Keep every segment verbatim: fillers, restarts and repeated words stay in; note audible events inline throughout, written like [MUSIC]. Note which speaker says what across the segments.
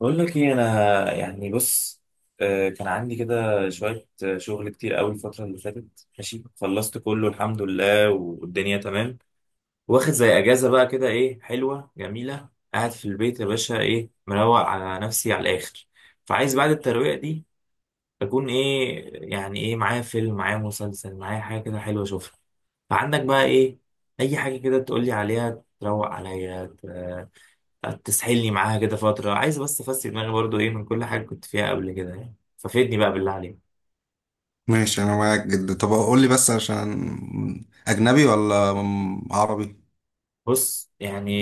Speaker 1: بقول لك ايه انا يعني بص. آه، كان عندي كده شويه آه، شغل كتير قوي الفتره اللي فاتت ماشي، خلصت كله الحمد لله والدنيا تمام. واخد زي اجازه بقى كده، ايه حلوه جميله. قاعد في البيت يا باشا، ايه مروق على نفسي على الاخر. فعايز بعد الترويقه دي اكون ايه يعني، ايه معايا فيلم، معايا مسلسل، معايا حاجه كده حلوه اشوفها. فعندك بقى ايه؟ اي حاجه كده تقولي عليها تروق عليا، تسحلني معاها كده فترة. عايز بس أفسي دماغي برضو إيه من كل حاجة كنت فيها قبل كده يعني، ففيدني بقى بالله عليك.
Speaker 2: ماشي انا معاك جدا. طب قول لي بس عشان اجنبي ولا م- عربي.
Speaker 1: بص يعني،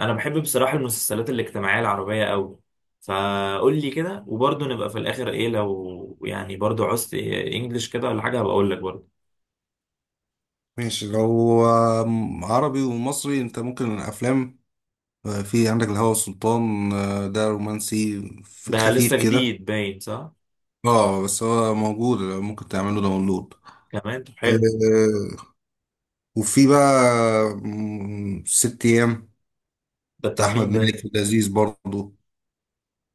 Speaker 1: أنا بحب بصراحة المسلسلات الاجتماعية العربية أوي. فقول لي كده، وبرضو نبقى في الآخر إيه، لو يعني برضو عوزت إيه إنجلش كده ولا حاجة هبقى أقول لك برضو.
Speaker 2: ماشي، لو آم، عربي ومصري انت ممكن الافلام. آه، في عندك الهوى والسلطان. آه، ده رومانسي في
Speaker 1: ده لسه
Speaker 2: الخفيف كده.
Speaker 1: جديد باين صح؟
Speaker 2: اه بس هو موجود ممكن تعمله داونلود.
Speaker 1: كمان طب حلو.
Speaker 2: آه، وفي بقى م، ست ايام.
Speaker 1: ده
Speaker 2: بتاع
Speaker 1: بتاع
Speaker 2: احمد
Speaker 1: مين ده؟
Speaker 2: مالك، لذيذ برضه.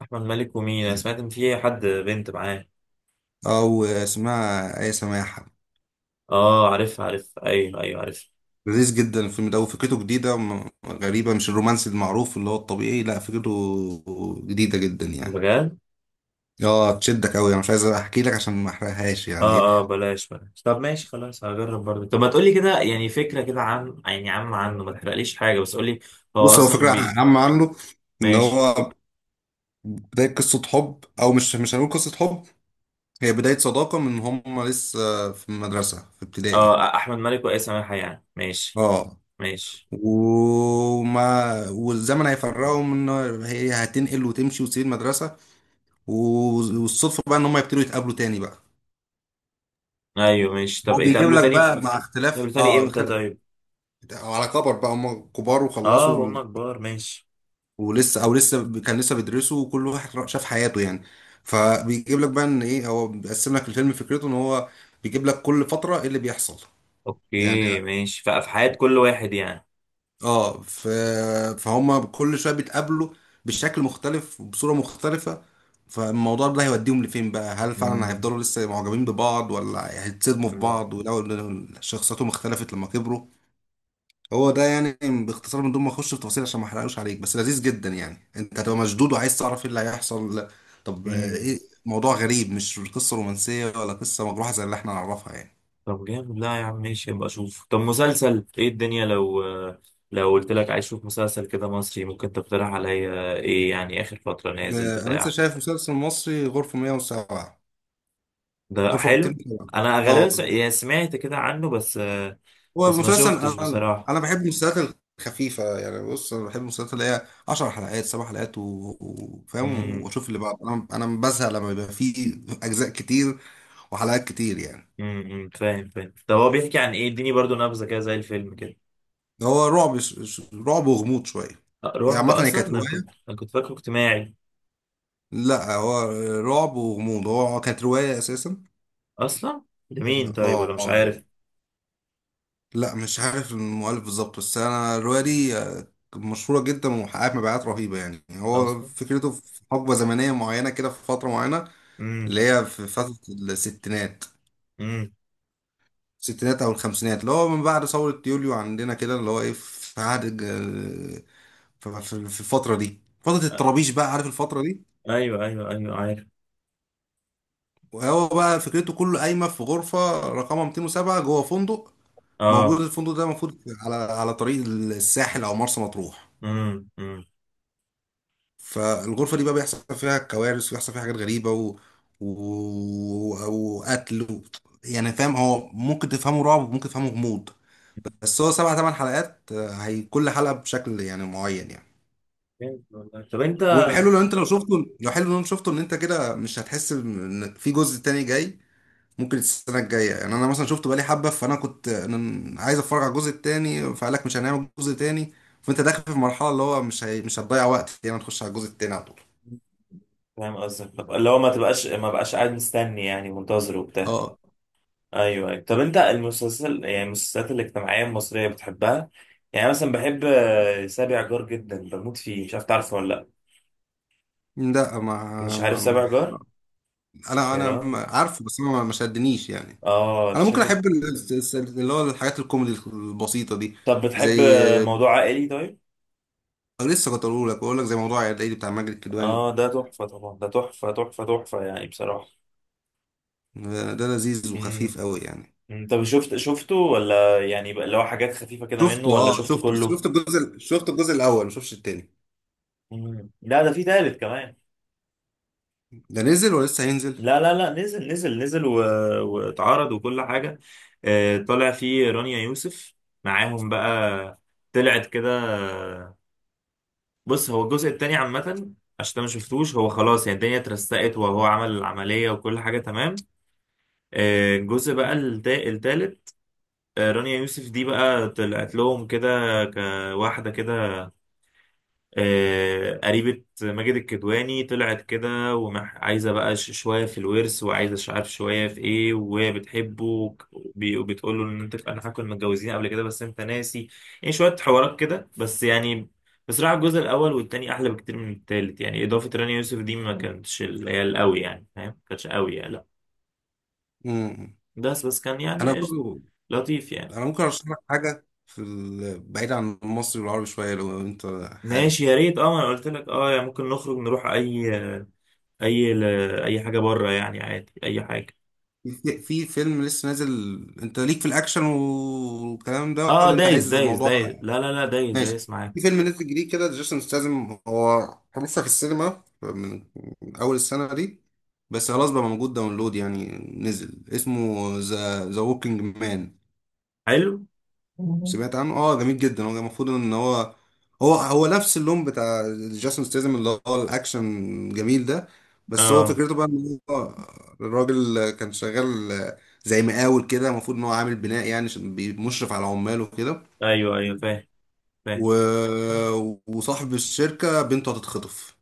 Speaker 1: أحمد مالك ومين؟ أنا سمعت إن في حد بنت معاه.
Speaker 2: او اسمها ايه، سماحة.
Speaker 1: آه عارف عارف، أيوه أيوه عارف.
Speaker 2: لذيذ جدا الفيلم ده، وفكرته جديدة م- غريبة، مش الرومانسي المعروف اللي هو الطبيعي. لا، فكرته جديدة جدا يعني.
Speaker 1: بجد؟
Speaker 2: اه تشدك قوي. انا مش عايز احكي لك عشان ما احرقهاش يعني.
Speaker 1: اه اه، بلاش بلاش. طب ماشي خلاص، هجرب برضه. طب ما تقولي كده يعني فكرة كده عن يعني عم عنه، ما تحرقليش حاجة بس قولي. هو
Speaker 2: بص، هو
Speaker 1: اصلا
Speaker 2: فكرة
Speaker 1: بي.
Speaker 2: عامة عنه ان
Speaker 1: ماشي.
Speaker 2: هو بداية قصة حب، او مش مش هنقول قصة حب، هي بداية صداقة من هم لسه في المدرسة في ابتدائي.
Speaker 1: اه احمد مالك وايه سماحة، يعني ماشي.
Speaker 2: اه
Speaker 1: ماشي.
Speaker 2: وما والزمن هيفرقهم، ان هي هتنقل وتمشي وتسيب المدرسة. و- والصدفة بقى ان هم يبتدوا يتقابلوا تاني بقى.
Speaker 1: ايوه ماشي. طب
Speaker 2: هو بيجيب
Speaker 1: اتقابلوا
Speaker 2: لك
Speaker 1: تاني في...
Speaker 2: بقى مع
Speaker 1: في...
Speaker 2: اختلاف،
Speaker 1: اتقابلوا تاني
Speaker 2: اه
Speaker 1: امتى
Speaker 2: اختلاف
Speaker 1: طيب؟
Speaker 2: على كبر بقى، هم كبار
Speaker 1: اه
Speaker 2: وخلصوا
Speaker 1: وهم كبار ماشي.
Speaker 2: ولسه، او لسه ب- كان لسه بيدرسوا، وكل واحد را- شاف حياته يعني. فبيجيب لك بقى ان ايه، هو بيقسم لك الفيلم، فكرته ان هو بيجيب لك كل فترة ايه اللي بيحصل. يعني
Speaker 1: اوكي ماشي. ف- في حياة كل واحد يعني.
Speaker 2: اه ف... فهم كل شوية بيتقابلوا بشكل مختلف وبصورة مختلفة. فالموضوع ده هيوديهم لفين بقى؟ هل فعلا هيفضلوا لسه معجبين ببعض، ولا هيتصدموا في بعض، ولو إن شخصياتهم اختلفت لما كبروا. هو ده يعني، باختصار، من دون ما اخش في تفاصيل عشان ما احرقوش عليك. بس لذيذ جدا يعني، انت هتبقى مشدود وعايز تعرف ايه اللي هيحصل. لا. طب آه،
Speaker 1: امم.
Speaker 2: ايه، موضوع غريب، مش قصة رومانسية ولا قصة مجروحة زي اللي احنا نعرفها يعني.
Speaker 1: طب جامد، لا يا عم ماشي ابقى اشوف. طب مسلسل ايه الدنيا، لو لو قلت لك عايز اشوف مسلسل كده مصري ممكن تقترح عليا ايه يعني، اخر فترة نازل
Speaker 2: آه، انا لسه
Speaker 1: بتاع؟
Speaker 2: شايف مسلسل مصري، غرفة مية وسبعة.
Speaker 1: ده
Speaker 2: غرفة
Speaker 1: حلو.
Speaker 2: مئتين وسبعة.
Speaker 1: انا
Speaker 2: اه
Speaker 1: غالبا س- يعني سمعت كده عنه بس.
Speaker 2: هو
Speaker 1: بس ما
Speaker 2: مسلسل،
Speaker 1: شفتش
Speaker 2: انا
Speaker 1: بصراحة.
Speaker 2: انا بحب المسلسلات الخفيفة يعني. بص، انا بحب المسلسلات اللي هي عشر حلقات، سبعة حلقات، و- وفاهم
Speaker 1: امم.
Speaker 2: واشوف اللي بعد. انا انا بزهق لما بيبقى فيه اجزاء كتير وحلقات كتير يعني.
Speaker 1: امم فاهم فاهم. طب هو بيحكي عن ايه؟ اديني برضو نبذة كده زي الفيلم كده.
Speaker 2: هو رعب، ش- ش- رعب وغموض شوية.
Speaker 1: أه،
Speaker 2: هي
Speaker 1: رعب؟
Speaker 2: عامة هي
Speaker 1: اصلا
Speaker 2: كانت
Speaker 1: انا كنت
Speaker 2: رواية.
Speaker 1: انا كنت فاكره اجتماعي.
Speaker 2: لا، هو رعب وغموض. هو كانت رواية أساسا.
Speaker 1: اصلا لمين طيب؟
Speaker 2: اه
Speaker 1: ولا مش
Speaker 2: آه.
Speaker 1: عارف.
Speaker 2: لا مش عارف المؤلف بالظبط، بس أنا الرواية دي آه، مشهورة جدا وحققت مبيعات رهيبة يعني. هو
Speaker 1: اصلا.
Speaker 2: فكرته في حقبة زمنية معينة كده، في فترة معينة،
Speaker 1: امم
Speaker 2: اللي هي في فترة الستينات.
Speaker 1: امم.
Speaker 2: الستينات أو الخمسينات، اللي هو من بعد ثورة يوليو عندنا كده، اللي هو إيه، في عهد الج- في في- في الفترة دي، فترة الطرابيش، بقى عارف الفترة دي.
Speaker 1: ايوه ايوه ايوه عارف.
Speaker 2: وهو بقى فكرته كله قايمه في غرفه رقمها مئتين وسبعة جوه فندق. موجود
Speaker 1: اه.
Speaker 2: الفندق ده المفروض على على طريق الساحل او مرسى مطروح.
Speaker 1: امم امم.
Speaker 2: فالغرفه دي بقى بيحصل فيها كوارث وبيحصل فيها حاجات غريبه و... و... وقتل و... يعني فاهم، هو ممكن تفهمه رعب وممكن تفهمه غموض. بس هو سبع ثمان حلقات. آه، هي كل حلقه بشكل يعني معين يعني.
Speaker 1: جامد والله. طب انت؟
Speaker 2: والحلو لو انت لو شفته، لو حلو لو انت شفته، ان انت كده مش هتحس ان في جزء تاني جاي ممكن السنه الجايه يعني. انا مثلا شفته بقالي حبه، فانا كنت أنا عايز اتفرج على الجزء التاني، فقال لك مش هنعمل الجزء التاني. فانت داخل في المرحله اللي هو مش هي... مش هتضيع وقت يعني، تخش على الجزء التاني على طول.
Speaker 1: فاهم قصدك. طب اللي هو ما تبقاش ما بقاش قاعد مستني يعني، منتظر وبتاع.
Speaker 2: اه
Speaker 1: ايوه ايوه. طب انت المسلسل يعني المسلسلات الاجتماعيه المصريه بتحبها؟ يعني مثلا بحب آه، سابع جار جدا، بموت فيه. مش عارف تعرفه ولا لا؟
Speaker 2: لا ما...
Speaker 1: مش عارف
Speaker 2: ما... ما
Speaker 1: سابع جار؟
Speaker 2: انا
Speaker 1: يا
Speaker 2: انا
Speaker 1: راجل،
Speaker 2: ما- عارفه، بس ما ما شدنيش يعني.
Speaker 1: اه ده
Speaker 2: انا ممكن
Speaker 1: شكلك.
Speaker 2: احب ال- الس- اللي هو الحاجات الكوميدي البسيطه دي.
Speaker 1: طب بتحب
Speaker 2: زي،
Speaker 1: آه، موضوع عائلي طيب؟
Speaker 2: لسه كنت اقول لك، بقول لك زي موضوع العيد بتاع ماجد الكدواني.
Speaker 1: اه ده تحفه طبعا، ده تحفه تحفه تحفه يعني بصراحه.
Speaker 2: ده ده لذيذ
Speaker 1: امم.
Speaker 2: وخفيف قوي يعني.
Speaker 1: أمم. طب شفت شفته، ولا يعني بقى اللي هو حاجات خفيفه كده منه،
Speaker 2: شفته،
Speaker 1: ولا
Speaker 2: اه
Speaker 1: شفته
Speaker 2: شفته، بس
Speaker 1: كله؟
Speaker 2: شفت الجزء شفت الجزء الاول، ما شفتش التاني.
Speaker 1: مم. لا ده في تالت كمان.
Speaker 2: ده نزل ولسه هينزل.
Speaker 1: لا لا لا، نزل نزل نزل و... واتعرض وكل حاجة. آه، طلع فيه رانيا يوسف معاهم بقى، طلعت كده. بص هو الجزء التاني عامة، عشان أنت ما شفتوش، هو خلاص يعني الدنيا اترسقت وهو عمل العملية وكل حاجة تمام. آه، الجزء بقى التا- التالت، آه، رانيا يوسف دي بقى طلعت لهم كده، كواحدة كده، آه، قريبة ماجد الكدواني طلعت كده، وعايزة بقى ش- شوية في الورث، وعايزة مش عارف شوية في ايه، وهي بتحبه وك- وبي- وبتقول له ان انت، انا فاكر إنكم متجوزين قبل كده بس انت ناسي. يعني شوية حوارات كده بس يعني. بصراحة الجزء الأول والتاني أحلى بكتير من التالت. يعني إضافة رانيا يوسف دي ما كانتش اللي هي القوي، يعني فاهم، ما كانتش قوي يعني، لا.
Speaker 2: مم.
Speaker 1: بس بس كان يعني
Speaker 2: انا
Speaker 1: قشطة،
Speaker 2: برضو
Speaker 1: لطيف يعني.
Speaker 2: انا ممكن ارشح لك حاجه في ال... بعيد عن المصري والعربي شويه، لو انت حابب.
Speaker 1: ماشي يا ريت اه، ما انا قلت لك اه، يعني ممكن نخرج نروح اي... اي اي حاجة بره يعني، عادي اي حاجة.
Speaker 2: في في فيلم لسه نازل. انت ليك في الاكشن والكلام ده،
Speaker 1: اه
Speaker 2: ولا انت
Speaker 1: دايس
Speaker 2: عايز
Speaker 1: دايس دايس،
Speaker 2: الموضوع؟
Speaker 1: لا لا لا، دايس
Speaker 2: ماشي.
Speaker 1: دايس معاك.
Speaker 2: في فيلم نازل جديد كده، جيسون ستاثام. هو لسه في السينما من من اول السنه دي، بس خلاص بقى موجود داونلود يعني. نزل، اسمه ذا ذا ووكينج مان.
Speaker 1: حلو. [LAUGHS] مم.
Speaker 2: سمعت عنه؟ اه جميل جدا. هو المفروض ان هو هو هو نفس اللون بتاع جاسون ستيزم، اللي هو الاكشن جميل ده. بس هو
Speaker 1: اه
Speaker 2: فكرته بقى ان هو الراجل كان شغال زي مقاول كده. المفروض ان هو عامل بناء يعني، عشان بي- مشرف على عماله كده.
Speaker 1: ايوه ايوه فاهم فاهم.
Speaker 2: و... وصاحب الشركة بنته هتتخطف.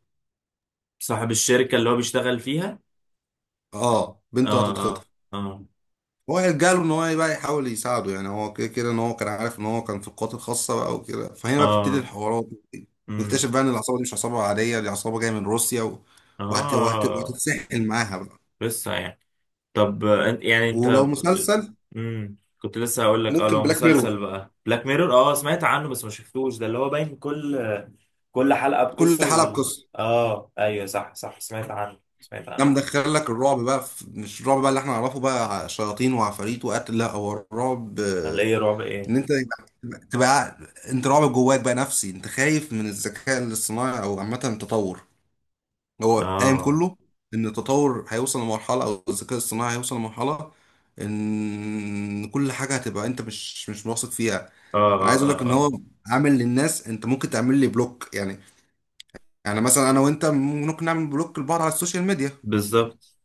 Speaker 1: صاحب الشركة اللي هو بيشتغل فيها؟
Speaker 2: اه
Speaker 1: اه
Speaker 2: بنته
Speaker 1: اه
Speaker 2: هتتخطف.
Speaker 1: اه.
Speaker 2: هو جاله ان هو بقى يحاول يساعده يعني، هو كده كده ان هو كان عارف ان هو كان في القوات الخاصه بقى وكده. فهنا بقى بتبتدي
Speaker 1: اه.
Speaker 2: الحوارات،
Speaker 1: امم.
Speaker 2: ويكتشف بقى ان العصابه دي مش عصابه عاديه، دي عصابه جايه من روسيا و... وهت... وهت...
Speaker 1: اه.
Speaker 2: وهتتسحل معاها بقى.
Speaker 1: لسه يعني. طب آه، أنت- يعني انت؟
Speaker 2: ولو مسلسل،
Speaker 1: امم. كنت لسه هقول لك اه،
Speaker 2: ممكن
Speaker 1: لو
Speaker 2: بلاك
Speaker 1: مسلسل
Speaker 2: ميرور.
Speaker 1: بقى بلاك ميرور، اه سمعت عنه بس ما شفتوش، ده اللي هو باين كل... كل حلقة
Speaker 2: كل
Speaker 1: بقصة،
Speaker 2: حلقه
Speaker 1: وال
Speaker 2: بقصه.
Speaker 1: اه ايوه صح صح، سمعت عنه سمعت
Speaker 2: ده
Speaker 1: عنه.
Speaker 2: مدخل لك الرعب بقى في... مش الرعب بقى اللي احنا نعرفه بقى، شياطين وعفاريت وقتل. لا، هو الرعب
Speaker 1: ولا
Speaker 2: آه،
Speaker 1: ايه، رعب ايه؟
Speaker 2: ان انت تبقى تبقى- انت رعب جواك بقى، نفسي. انت خايف من الذكاء الاصطناعي، او عامه التطور. هو قايم
Speaker 1: اه
Speaker 2: كله ان التطور هيوصل لمرحله، او الذكاء الصناعي هيوصل لمرحله ان كل حاجه هتبقى انت مش مش واثق فيها.
Speaker 1: اه
Speaker 2: انا عايز
Speaker 1: اه
Speaker 2: اقول لك ان
Speaker 1: اه آه.
Speaker 2: هو عامل للناس، انت ممكن تعمل لي بلوك يعني. يعني مثلا انا وانت ممكن نعمل بلوك لبعض على السوشيال ميديا.
Speaker 1: بالظبط.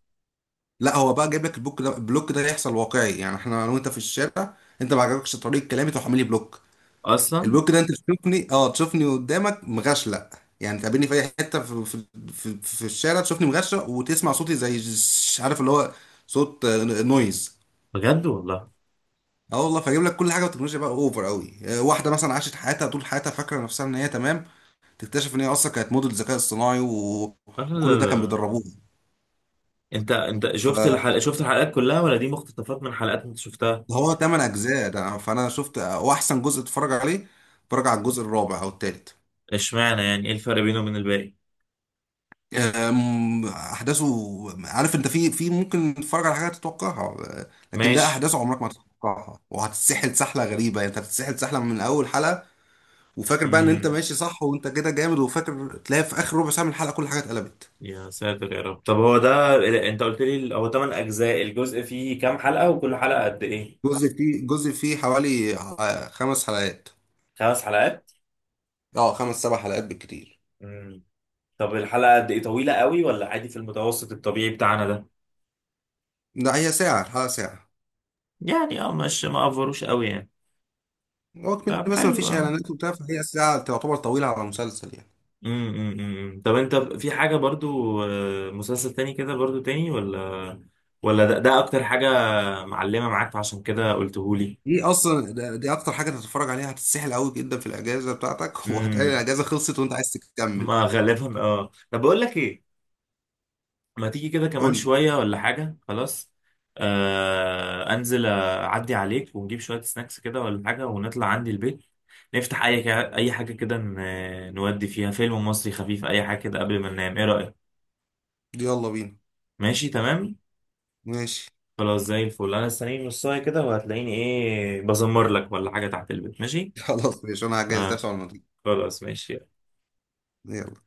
Speaker 2: لا، هو بقى جايب لك البلوك ده، البلوك ده هيحصل واقعي يعني. احنا انا وانت في الشارع، انت ما عجبكش طريقه كلامي، تروح عامل لي بلوك.
Speaker 1: اصلا.
Speaker 2: البوك ده انت تشوفني، اه تشوفني قدامك مغشلق يعني. تقابلني في اي حته، في في في, في الشارع، تشوفني مغشلق وتسمع صوتي زي ش- عارف اللي هو صوت آه، نويز.
Speaker 1: بجد والله.
Speaker 2: اه والله. فاجيب لك كل حاجه بالتكنولوجيا بقى، اوفر قوي. آه، واحده مثلا عاشت حياتها طول حياتها فاكره نفسها ان هي تمام، تكتشف ان هي اصلا كانت موديل ذكاء اصطناعي، و...
Speaker 1: لا لا
Speaker 2: وكل ده
Speaker 1: لا
Speaker 2: كان
Speaker 1: لا.
Speaker 2: بيدربوه.
Speaker 1: انت انت شفت
Speaker 2: فهو
Speaker 1: الحلقه، شفت الحلقات كلها ولا دي مقتطفات من حلقات انت شفتها؟
Speaker 2: تمن اجزاء ده، فانا شفت آه، واحسن جزء اتفرج عليه، اتفرج على الجزء الرابع او الثالث.
Speaker 1: اشمعنى يعني؟ ايه الفرق بينه وبين الباقي؟
Speaker 2: أم، احداثه، عارف انت في في ممكن تتفرج على حاجه تتوقعها. أه، لكن ده
Speaker 1: ماشي.
Speaker 2: احداثه عمرك ما تتوقعها، وهتتسحل سحله غريبه يعني. انت هتتسحل سحله من اول حلقه، وفاكر بقى ان انت
Speaker 1: امم.
Speaker 2: ماشي صح، وانت كده جامد، وفاكر تلاقي في اخر ربع ساعه من الحلقه كل حاجه اتقلبت.
Speaker 1: يا ساتر يا رب. طب هو ده، انت قلت لي هو تمن اجزاء، الجزء فيه كام حلقه، وكل حلقه قد ايه؟
Speaker 2: جزء فيه جزء فيه حوالي آه، خمس حلقات.
Speaker 1: خمس حلقات.
Speaker 2: اه خمس سبع حلقات بالكتير.
Speaker 1: امم. طب الحلقه قد ايه؟ طويله قوي ولا عادي في المتوسط الطبيعي بتاعنا ده؟
Speaker 2: لا، هي ساعه، الحلقه ساعه.
Speaker 1: يعني اه، مش ما افروش قوي يعني.
Speaker 2: هو كمان
Speaker 1: طب
Speaker 2: بس ما
Speaker 1: حلو
Speaker 2: فيش
Speaker 1: اه.
Speaker 2: اعلانات وبتاع، فهي ساعه تعتبر طويله على مسلسل يعني.
Speaker 1: امم أمم، أمم. طب انت في حاجة برضو آه، مسلسل تاني كده برضو تاني، ولا... ولا ده, ده اكتر حاجة معلمة معاك عشان كده قلتهولي؟
Speaker 2: دي اصلا ده- دي اكتر حاجه تتفرج عليها، هتتسحل قوي جدا في الاجازه بتاعتك [LAUGHS] وهتلاقي
Speaker 1: امم.
Speaker 2: الاجازه خلصت وانت عايز تكمل.
Speaker 1: ما غالبا اه. طب بقول لك ايه، ما تيجي كده كمان
Speaker 2: قول لي.
Speaker 1: شوية ولا حاجة خلاص؟ آه انزل اعدي عليك، ونجيب شوية سناكس كده ولا حاجة، ونطلع عندي البيت. نفتح اي كا- اي حاجة كده، ن- نودي فيها فيلم مصري خفيف، اي حاجة كده قبل ما ننام. ايه رأيك؟
Speaker 2: يلا بينا.
Speaker 1: ماشي تمام.
Speaker 2: ماشي.
Speaker 1: خلاص زي الفل. انا استنيني نص ساعه كده، وهتلاقيني ايه بزمر لك ولا حاجه تحت البيت ماشي.
Speaker 2: [LAUGHS] خلاص ماشي، انا هجهز
Speaker 1: آه
Speaker 2: نفسي على المضي.
Speaker 1: خلاص ماشي.
Speaker 2: يلا.